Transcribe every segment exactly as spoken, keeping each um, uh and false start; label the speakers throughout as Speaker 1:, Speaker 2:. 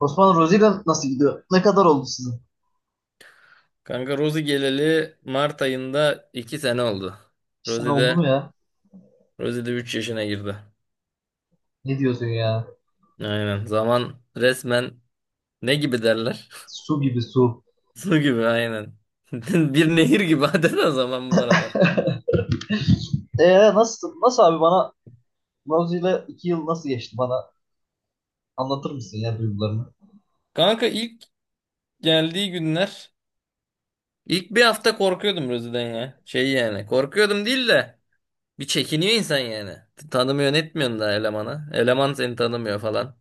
Speaker 1: Osman Rozier, nasıl gidiyor? Ne kadar oldu sizin?
Speaker 2: Kanka Rosie geleli Mart ayında iki sene oldu.
Speaker 1: İki sene
Speaker 2: Rosie
Speaker 1: oldu
Speaker 2: de
Speaker 1: mu ya?
Speaker 2: Rosie de üç yaşına girdi.
Speaker 1: Ne diyorsun ya?
Speaker 2: Aynen. Zaman resmen ne gibi derler?
Speaker 1: Su gibi, su.
Speaker 2: Su gibi aynen. Bir nehir gibi adeta zaman bu aralar.
Speaker 1: Ee nasıl nasıl abi, bana Rozier'le iki yıl nasıl geçti, bana anlatır mısın ya, duygularını?
Speaker 2: Kanka ilk geldiği günler ilk bir hafta korkuyordum Rosie'den ya. Şey yani korkuyordum değil de bir çekiniyor insan yani. Tanımıyorsun etmiyorsun da elemana. Eleman seni tanımıyor falan.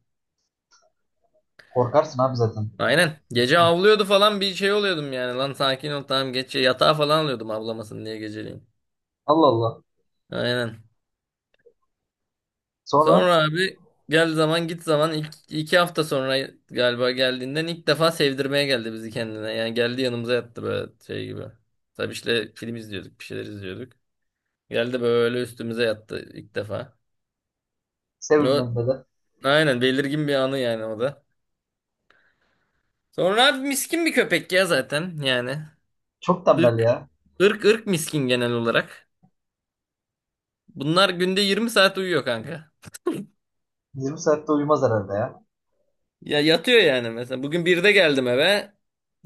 Speaker 1: Korkarsın abi zaten.
Speaker 2: Aynen. Gece avlıyordu falan bir şey oluyordum yani. Lan sakin ol tamam geç. Yatağa falan alıyordum avlamasın diye geceleyin.
Speaker 1: Allah Allah.
Speaker 2: Aynen.
Speaker 1: Sonra
Speaker 2: Sonra abi gel zaman git zaman ilk, iki hafta sonra galiba geldiğinden ilk defa sevdirmeye geldi bizi kendine. Yani geldi yanımıza yattı böyle şey gibi. Tabii işte film izliyorduk bir şeyler izliyorduk. Geldi böyle üstümüze yattı ilk defa.
Speaker 1: sevim
Speaker 2: O,
Speaker 1: ben de.
Speaker 2: aynen belirgin bir anı yani o da. Sonra abi miskin bir köpek ya zaten yani.
Speaker 1: Çok tembel
Speaker 2: Irk,
Speaker 1: ya.
Speaker 2: ırk ırk miskin genel olarak. Bunlar günde 20 saat uyuyor kanka.
Speaker 1: Yirmi saatte uyumaz herhalde ya.
Speaker 2: Ya yatıyor yani mesela. Bugün birde geldim eve.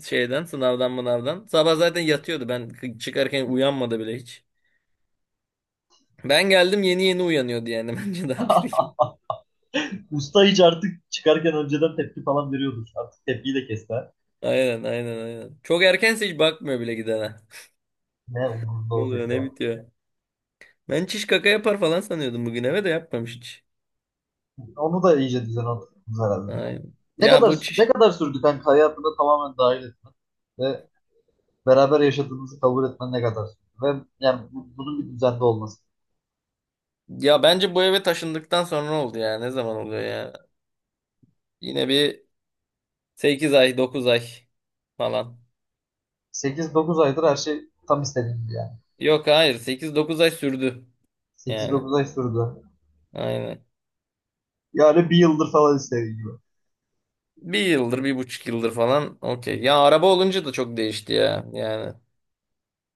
Speaker 2: Şeyden sınavdan mınavdan. Sabah zaten yatıyordu. Ben k- çıkarken uyanmadı bile hiç. Ben geldim yeni yeni uyanıyordu yani. Bence daha biri gibi.
Speaker 1: Usta hiç artık çıkarken önceden tepki falan veriyordur. Artık tepkiyi de kesti ha.
Speaker 2: Aynen aynen aynen. Çok erkense hiç bakmıyor bile gidene.
Speaker 1: Ne umurunda
Speaker 2: Ne
Speaker 1: olacak
Speaker 2: oluyor
Speaker 1: ya.
Speaker 2: ne bitiyor. Ben çiş kaka yapar falan sanıyordum bugün eve de yapmamış hiç.
Speaker 1: Onu da iyice düzen oturttunuz herhalde.
Speaker 2: Aynen.
Speaker 1: Ne
Speaker 2: Ya bu
Speaker 1: kadar, ne
Speaker 2: çiş...
Speaker 1: kadar sürdü kanka hayatına tamamen dahil etmen ve beraber yaşadığınızı kabul etmen ne kadar sürdü? Ve yani bu- bunun bir düzende olması.
Speaker 2: Ya bence bu eve taşındıktan sonra oldu ya. Ne zaman oluyor ya? Yine bir sekiz ay dokuz ay falan.
Speaker 1: Sekiz dokuz aydır her şey tam istediğim gibi yani.
Speaker 2: Yok hayır sekiz dokuz ay sürdü.
Speaker 1: sekiz
Speaker 2: Yani
Speaker 1: dokuz ay sürdü.
Speaker 2: aynen.
Speaker 1: Yani bir yıldır falan istediğim gibi.
Speaker 2: Bir yıldır bir buçuk yıldır falan okey. Ya araba olunca da çok değişti ya yani.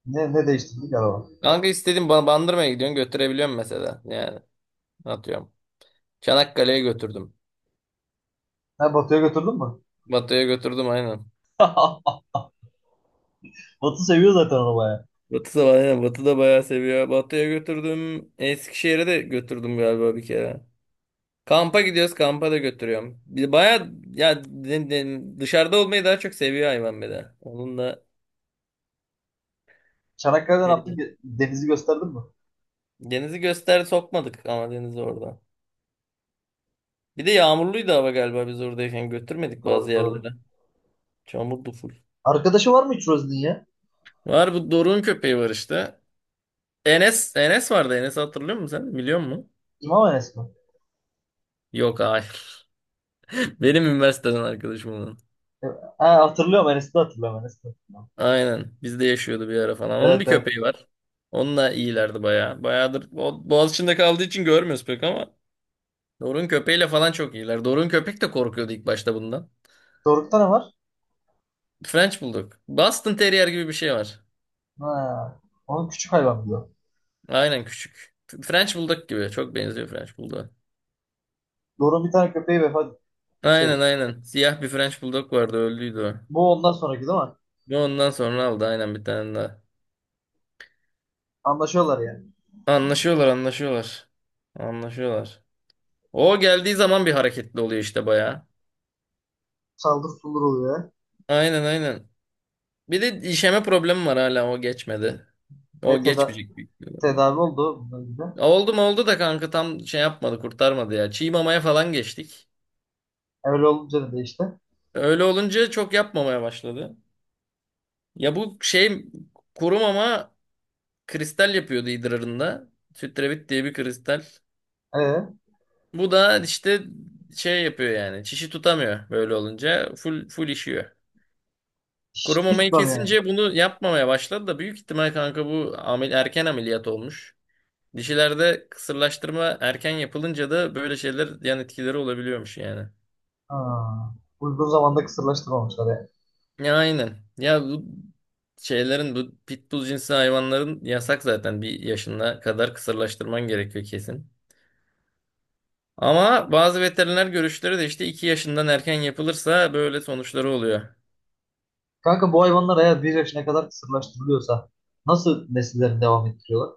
Speaker 1: Ne, ne değiştirdik araba?
Speaker 2: Kanka istediğim ba- Bandırma'ya gidiyorsun götürebiliyorum mesela yani atıyorum. Çanakkale'ye götürdüm.
Speaker 1: Ha, Batu'ya götürdün mü?
Speaker 2: Batı'ya götürdüm aynen.
Speaker 1: Batu seviyor zaten arabayı.
Speaker 2: Batı da aynen Batı da bayağı seviyor. Batı'ya götürdüm. Eskişehir'e de götürdüm galiba bir kere. Kampa gidiyoruz kampa da götürüyorum. Bir bayağı ya de- de- dışarıda olmayı daha çok seviyor hayvan bir de. Onun da
Speaker 1: Çanakkale'den ne yaptın
Speaker 2: şey
Speaker 1: ki, denizi gösterdin mi?
Speaker 2: Deniz'i göster sokmadık ama Deniz orada. Bir de yağmurluydu hava galiba biz oradayken götürmedik bazı
Speaker 1: Doğru doğru.
Speaker 2: yerlere. Çamurdu full.
Speaker 1: Arkadaşı var mı hiç Rozi'nin ya?
Speaker 2: Var bu Doruk'un köpeği var işte. Enes, Enes vardı. Enes hatırlıyor musun sen? Biliyor musun?
Speaker 1: İmam Enes mi?
Speaker 2: Yok hayır. Benim üniversiteden arkadaşım onun.
Speaker 1: E, ha, hatırlıyorum Enes'i de, hatırlıyorum Enes'i de hatırlıyorum.
Speaker 2: Aynen. Bizde yaşıyordu bir ara falan. Onun bir
Speaker 1: Evet evet.
Speaker 2: köpeği var. Onunla iyilerdi bayağı. Bayağıdır Bo- Boğaziçi'nde kaldığı için görmüyoruz pek ama. Doruk'un köpeğiyle falan çok iyiler. Doruk'un köpek de korkuyordu ilk başta bundan.
Speaker 1: Doruk'ta ne var?
Speaker 2: French Bulldog. Boston Terrier gibi bir şey var.
Speaker 1: Ha. Onun küçük hayvan diyor.
Speaker 2: Aynen küçük. French Bulldog gibi. Çok benziyor French Bulldog'a.
Speaker 1: Doruk'un bir tane köpeği vefat, şey,
Speaker 2: Aynen aynen. Siyah bir French Bulldog vardı öldüydü o.
Speaker 1: bu ondan sonraki değil mi?
Speaker 2: Ve ondan sonra aldı aynen bir tane daha.
Speaker 1: Anlaşıyorlar yani.
Speaker 2: Anlaşıyorlar anlaşıyorlar. Anlaşıyorlar. O geldiği zaman bir hareketli oluyor işte bayağı.
Speaker 1: Saldır sulur oluyor.
Speaker 2: Aynen aynen. Bir de işeme problemi var hala o geçmedi.
Speaker 1: Ve
Speaker 2: O
Speaker 1: teda
Speaker 2: geçmeyecek büyük ihtimalle.
Speaker 1: tedavi oldu bundan gibi.
Speaker 2: Oldu mu oldu da kanka tam şey yapmadı kurtarmadı ya. Çiğ mamaya falan geçtik.
Speaker 1: Öyle olunca da işte.
Speaker 2: Öyle olunca çok yapmamaya başladı. Ya bu şey kurumama Kristal yapıyordu idrarında. Sütrevit diye bir kristal.
Speaker 1: Ee,
Speaker 2: Bu da işte şey yapıyor yani. Çişi tutamıyor böyle olunca. Full full işiyor. Kuru
Speaker 1: hiç hiç
Speaker 2: mamayı
Speaker 1: tutmam yani.
Speaker 2: kesince bunu yapmamaya başladı da büyük ihtimal kanka bu amel, erken ameliyat olmuş. Dişilerde kısırlaştırma erken yapılınca da böyle şeyler yan etkileri olabiliyormuş yani.
Speaker 1: Ha. Uygun zamanda kısırlaştırmamışlar yani.
Speaker 2: Ya aynen. Ya bu şeylerin bu pitbull cinsi hayvanların yasak zaten bir yaşına kadar kısırlaştırman gerekiyor kesin. Ama bazı veteriner görüşleri de işte iki yaşından erken yapılırsa böyle sonuçları oluyor.
Speaker 1: Kanka, bu hayvanlar eğer bir yaşına kadar kısırlaştırılıyorsa nasıl nesillerini devam ettiriyorlar?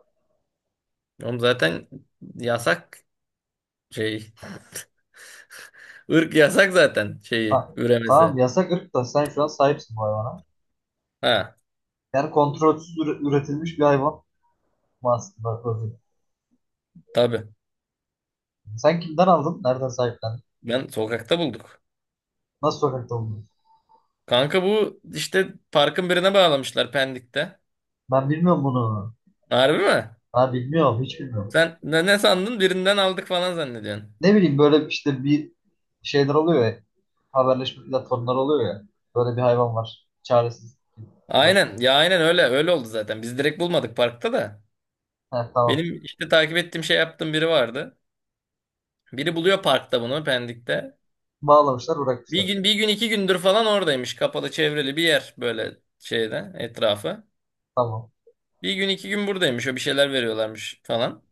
Speaker 2: Oğlum zaten yasak şey. ırk yasak zaten şeyi
Speaker 1: Ta- tamam,
Speaker 2: üremesi.
Speaker 1: yasak ırk da sen şu an sahipsin bu hayvana.
Speaker 2: Ha
Speaker 1: Yani kontrolsüz üre- üretilmiş bir hayvan. Master Project.
Speaker 2: tabii.
Speaker 1: Sen kimden aldın? Nereden sahiplendin?
Speaker 2: Ben sokakta bulduk.
Speaker 1: Nasıl sokakta oldun?
Speaker 2: Kanka bu işte parkın birine bağlamışlar Pendik'te.
Speaker 1: Ben bilmiyorum bunu.
Speaker 2: Harbi mi?
Speaker 1: Ha, bilmiyorum. Hiç bilmiyorum.
Speaker 2: Sen ne, ne sandın? Birinden aldık falan zannediyorsun.
Speaker 1: Ne bileyim, böyle işte bir şeyler oluyor ya. Haberleşme platformları oluyor ya. Böyle bir hayvan var. Çaresiz.
Speaker 2: Aynen.
Speaker 1: Ulaşmak.
Speaker 2: Ya aynen öyle. Öyle oldu zaten. Biz direkt bulmadık parkta da.
Speaker 1: He, tamam.
Speaker 2: Benim işte takip ettiğim şey yaptığım biri vardı. Biri buluyor parkta bunu Pendik'te.
Speaker 1: Bağlamışlar,
Speaker 2: Bir
Speaker 1: bırakmışlar.
Speaker 2: gün bir gün iki gündür falan oradaymış. Kapalı çevreli bir yer böyle şeyde etrafı.
Speaker 1: Tamam.
Speaker 2: Bir gün iki gün buradaymış. O bir şeyler veriyorlarmış falan.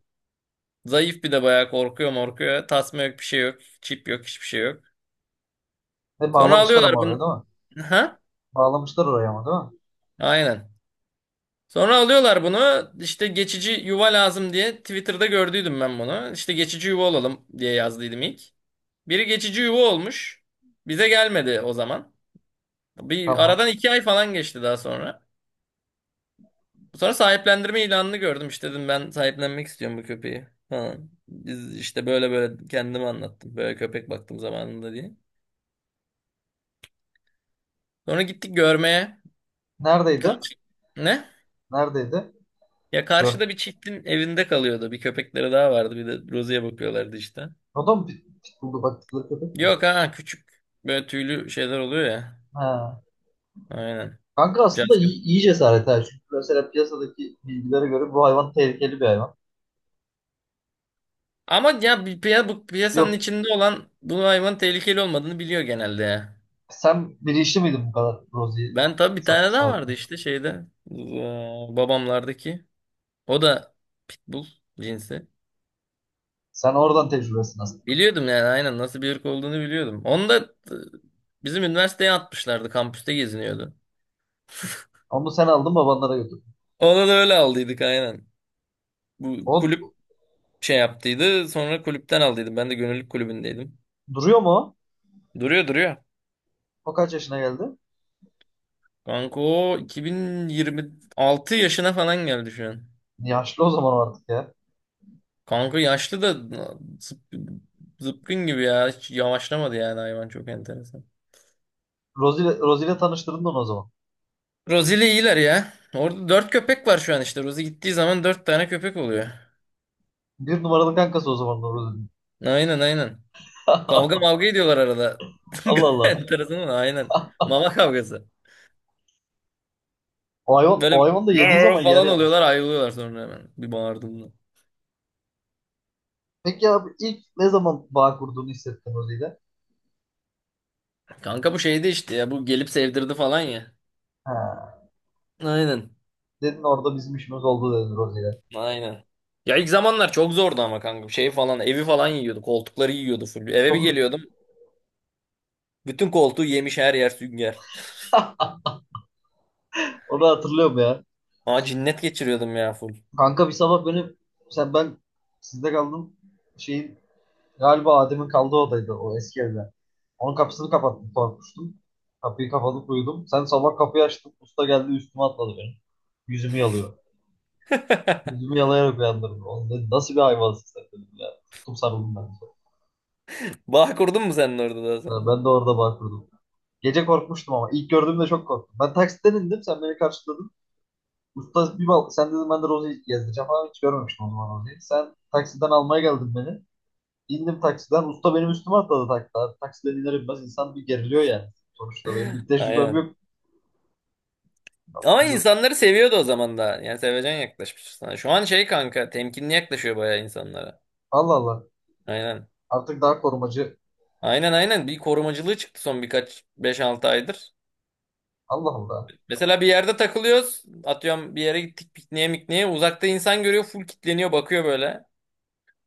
Speaker 2: Zayıf bir de bayağı korkuyor morkuyor. Tasma yok bir şey yok. Çip yok hiçbir şey yok.
Speaker 1: E,
Speaker 2: Sonra
Speaker 1: bağlamışlar
Speaker 2: alıyorlar
Speaker 1: ama oraya
Speaker 2: bunu.
Speaker 1: değil mi?
Speaker 2: Ha?
Speaker 1: Bağlamışlar oraya ama değil mi?
Speaker 2: Aynen. Sonra alıyorlar bunu işte geçici yuva lazım diye Twitter'da gördüydüm ben bunu. İşte geçici yuva olalım diye yazdıydım ilk. Biri geçici yuva olmuş. Bize gelmedi o zaman. Bir
Speaker 1: Tamam.
Speaker 2: aradan iki ay falan geçti daha sonra. Sonra sahiplendirme ilanını gördüm. İşte dedim ben sahiplenmek istiyorum bu köpeği falan. Biz işte böyle böyle kendime anlattım. Böyle köpek baktım zamanında diye. Sonra gittik görmeye.
Speaker 1: Neredeydi?
Speaker 2: Karşı. Ne?
Speaker 1: Neredeydi?
Speaker 2: Ya
Speaker 1: Gör.
Speaker 2: karşıda bir çiftin evinde kalıyordu. Bir köpekleri daha vardı. Bir de Rozi'ye bakıyorlardı işte.
Speaker 1: O da mı pit, pitbull'du baktıkları köpek?
Speaker 2: Yok ha küçük. Böyle tüylü şeyler oluyor ya.
Speaker 1: He.
Speaker 2: Aynen.
Speaker 1: Kanka aslında iyi,
Speaker 2: Jasper.
Speaker 1: iyi cesaret ha. Çünkü mesela piyasadaki bilgilere göre bu hayvan tehlikeli bir hayvan.
Speaker 2: Ama ya bir piya- bu piyasanın
Speaker 1: Yok,
Speaker 2: içinde olan bu hayvanın tehlikeli olmadığını biliyor genelde ya.
Speaker 1: sen bilinçli miydin bu kadar Rozi'yi
Speaker 2: Ben tabii bir
Speaker 1: sa-
Speaker 2: tane daha vardı
Speaker 1: sahiplen?
Speaker 2: işte şeyde. Ee, Babamlardaki. O da pitbull cinsi.
Speaker 1: Sen oradan tecrübesin aslında.
Speaker 2: Biliyordum yani aynen nasıl bir ırk olduğunu biliyordum. Onu da e, bizim üniversiteye atmışlardı. Kampüste geziniyordu.
Speaker 1: Onu sen aldın, babanlara götürdün.
Speaker 2: Ona da öyle aldıydık aynen. Bu kulüp
Speaker 1: O
Speaker 2: şey yaptıydı. Sonra kulüpten aldıydım. Ben de gönüllülük kulübündeydim.
Speaker 1: duruyor mu o?
Speaker 2: Duruyor duruyor.
Speaker 1: O kaç yaşına geldi?
Speaker 2: Kanka o iki bin yirmi altı yaşına falan geldi şu an.
Speaker 1: Yaşlı o zaman o artık ya.
Speaker 2: Kanka yaşlı da zıp- zıpkın gibi ya. Hiç yavaşlamadı yani hayvan çok enteresan.
Speaker 1: Rozi'yle Rozi'yle tanıştırdın onu o zaman.
Speaker 2: Rosie ile iyiler ya. Orada dört köpek var şu an işte. Rosie gittiği zaman dört tane köpek oluyor.
Speaker 1: Bir numaralı kankası o zaman da Rozi'nin.
Speaker 2: Aynen aynen. Kavga mavga ediyorlar arada.
Speaker 1: Allah Allah.
Speaker 2: Enteresan ama aynen. Mama kavgası.
Speaker 1: O hayvan,
Speaker 2: Böyle
Speaker 1: o hayvan da
Speaker 2: bir
Speaker 1: yediği zaman
Speaker 2: "Rar"
Speaker 1: yer
Speaker 2: falan
Speaker 1: yalnız.
Speaker 2: oluyorlar ayrılıyorlar sonra hemen. Bir bağırdığımda.
Speaker 1: Peki abi, ilk ne zaman bağ kurduğunu hissettin Rozi'yle?
Speaker 2: Kanka bu şeydi işte ya. Bu gelip sevdirdi falan ya.
Speaker 1: Ha,
Speaker 2: Aynen.
Speaker 1: dedin orada bizim işimiz oldu dedin Rozi'yle.
Speaker 2: Aynen. Ya ilk zamanlar çok zordu ama kanka. Şey falan evi falan yiyordu. Koltukları yiyordu full. Eve bir
Speaker 1: Onu,
Speaker 2: geliyordum. Bütün koltuğu yemiş her yer sünger.
Speaker 1: onu hatırlıyorum ya.
Speaker 2: Aa cinnet geçiriyordum ya full.
Speaker 1: Kanka bir sabah beni, sen ben, sizde kaldım. Şeyin, galiba Adem'in kaldığı odaydı o eski evde. Onun kapısını kapattım, korkmuştum. Kapıyı kapatıp uyudum. Sen sabah kapıyı açtın. Usta geldi, üstüme atladı benim. Yüzümü yalıyor. Yüzümü yalayarak uyandırdı. Oğlum dedi, nasıl bir hayvansın sen dedim ya. Tuttum sarıldım ben de.
Speaker 2: Bağ kurdun mu sen orada daha
Speaker 1: Ya,
Speaker 2: sonra?
Speaker 1: ben de orada bağ kurdum. Gece korkmuştum ama ilk gördüğümde çok korktum. Ben taksiden indim, sen beni karşıladın. Usta bir bal sen dedim, ben de Rozi'yi gezdireceğim ama hiç görmemiştim o zaman Rozi'yi. Sen taksiden almaya geldin beni. İndim taksiden. Usta benim üstüme atladı, takla. Taksiden iner inmez insan bir geriliyor yani. Sonuçta benim bir tecrübem
Speaker 2: Aynen.
Speaker 1: yok.
Speaker 2: Ama insanları seviyordu o zaman da. Yani sevecen yaklaşmış sana. Şu an şey kanka temkinli yaklaşıyor bayağı insanlara.
Speaker 1: Allah Allah.
Speaker 2: Aynen.
Speaker 1: Artık daha korumacı.
Speaker 2: Aynen aynen bir korumacılığı çıktı son birkaç beş altı aydır.
Speaker 1: Allah Allah.
Speaker 2: Mesela bir yerde takılıyoruz. Atıyorum bir yere gittik pikniğe mikniğe. Uzakta insan görüyor full kitleniyor bakıyor böyle.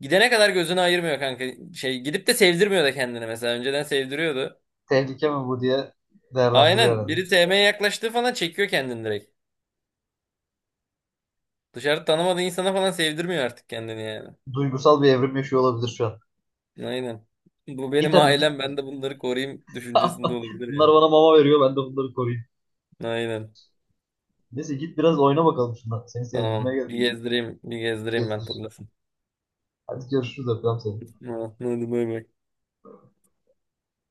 Speaker 2: Gidene kadar gözünü ayırmıyor kanka. Şey gidip de sevdirmiyor da kendini mesela. Önceden sevdiriyordu.
Speaker 1: Tehlike mi bu diye değerlendiriyor
Speaker 2: Aynen
Speaker 1: herhalde.
Speaker 2: biri sevmeye yaklaştığı falan çekiyor kendini direkt. Dışarı tanımadığı insana falan sevdirmiyor artık kendini yani.
Speaker 1: Duygusal bir evrim yaşıyor olabilir şu an.
Speaker 2: Aynen. Bu
Speaker 1: Git
Speaker 2: benim
Speaker 1: hadi git.
Speaker 2: ailem ben de bunları koruyayım düşüncesinde olabilir
Speaker 1: Bunlar
Speaker 2: yani.
Speaker 1: bana mama veriyor. Ben de bunları koruyayım.
Speaker 2: Aynen.
Speaker 1: Neyse git, biraz oyna bakalım şundan. Seni sevdirmeye
Speaker 2: Tamam. Bir
Speaker 1: geldim.
Speaker 2: gezdireyim, bir gezdireyim ben
Speaker 1: Gezdir.
Speaker 2: turlasın.
Speaker 1: Hadi görüşürüz. Öpüyorum seni.
Speaker 2: Ha, hadi bay bay.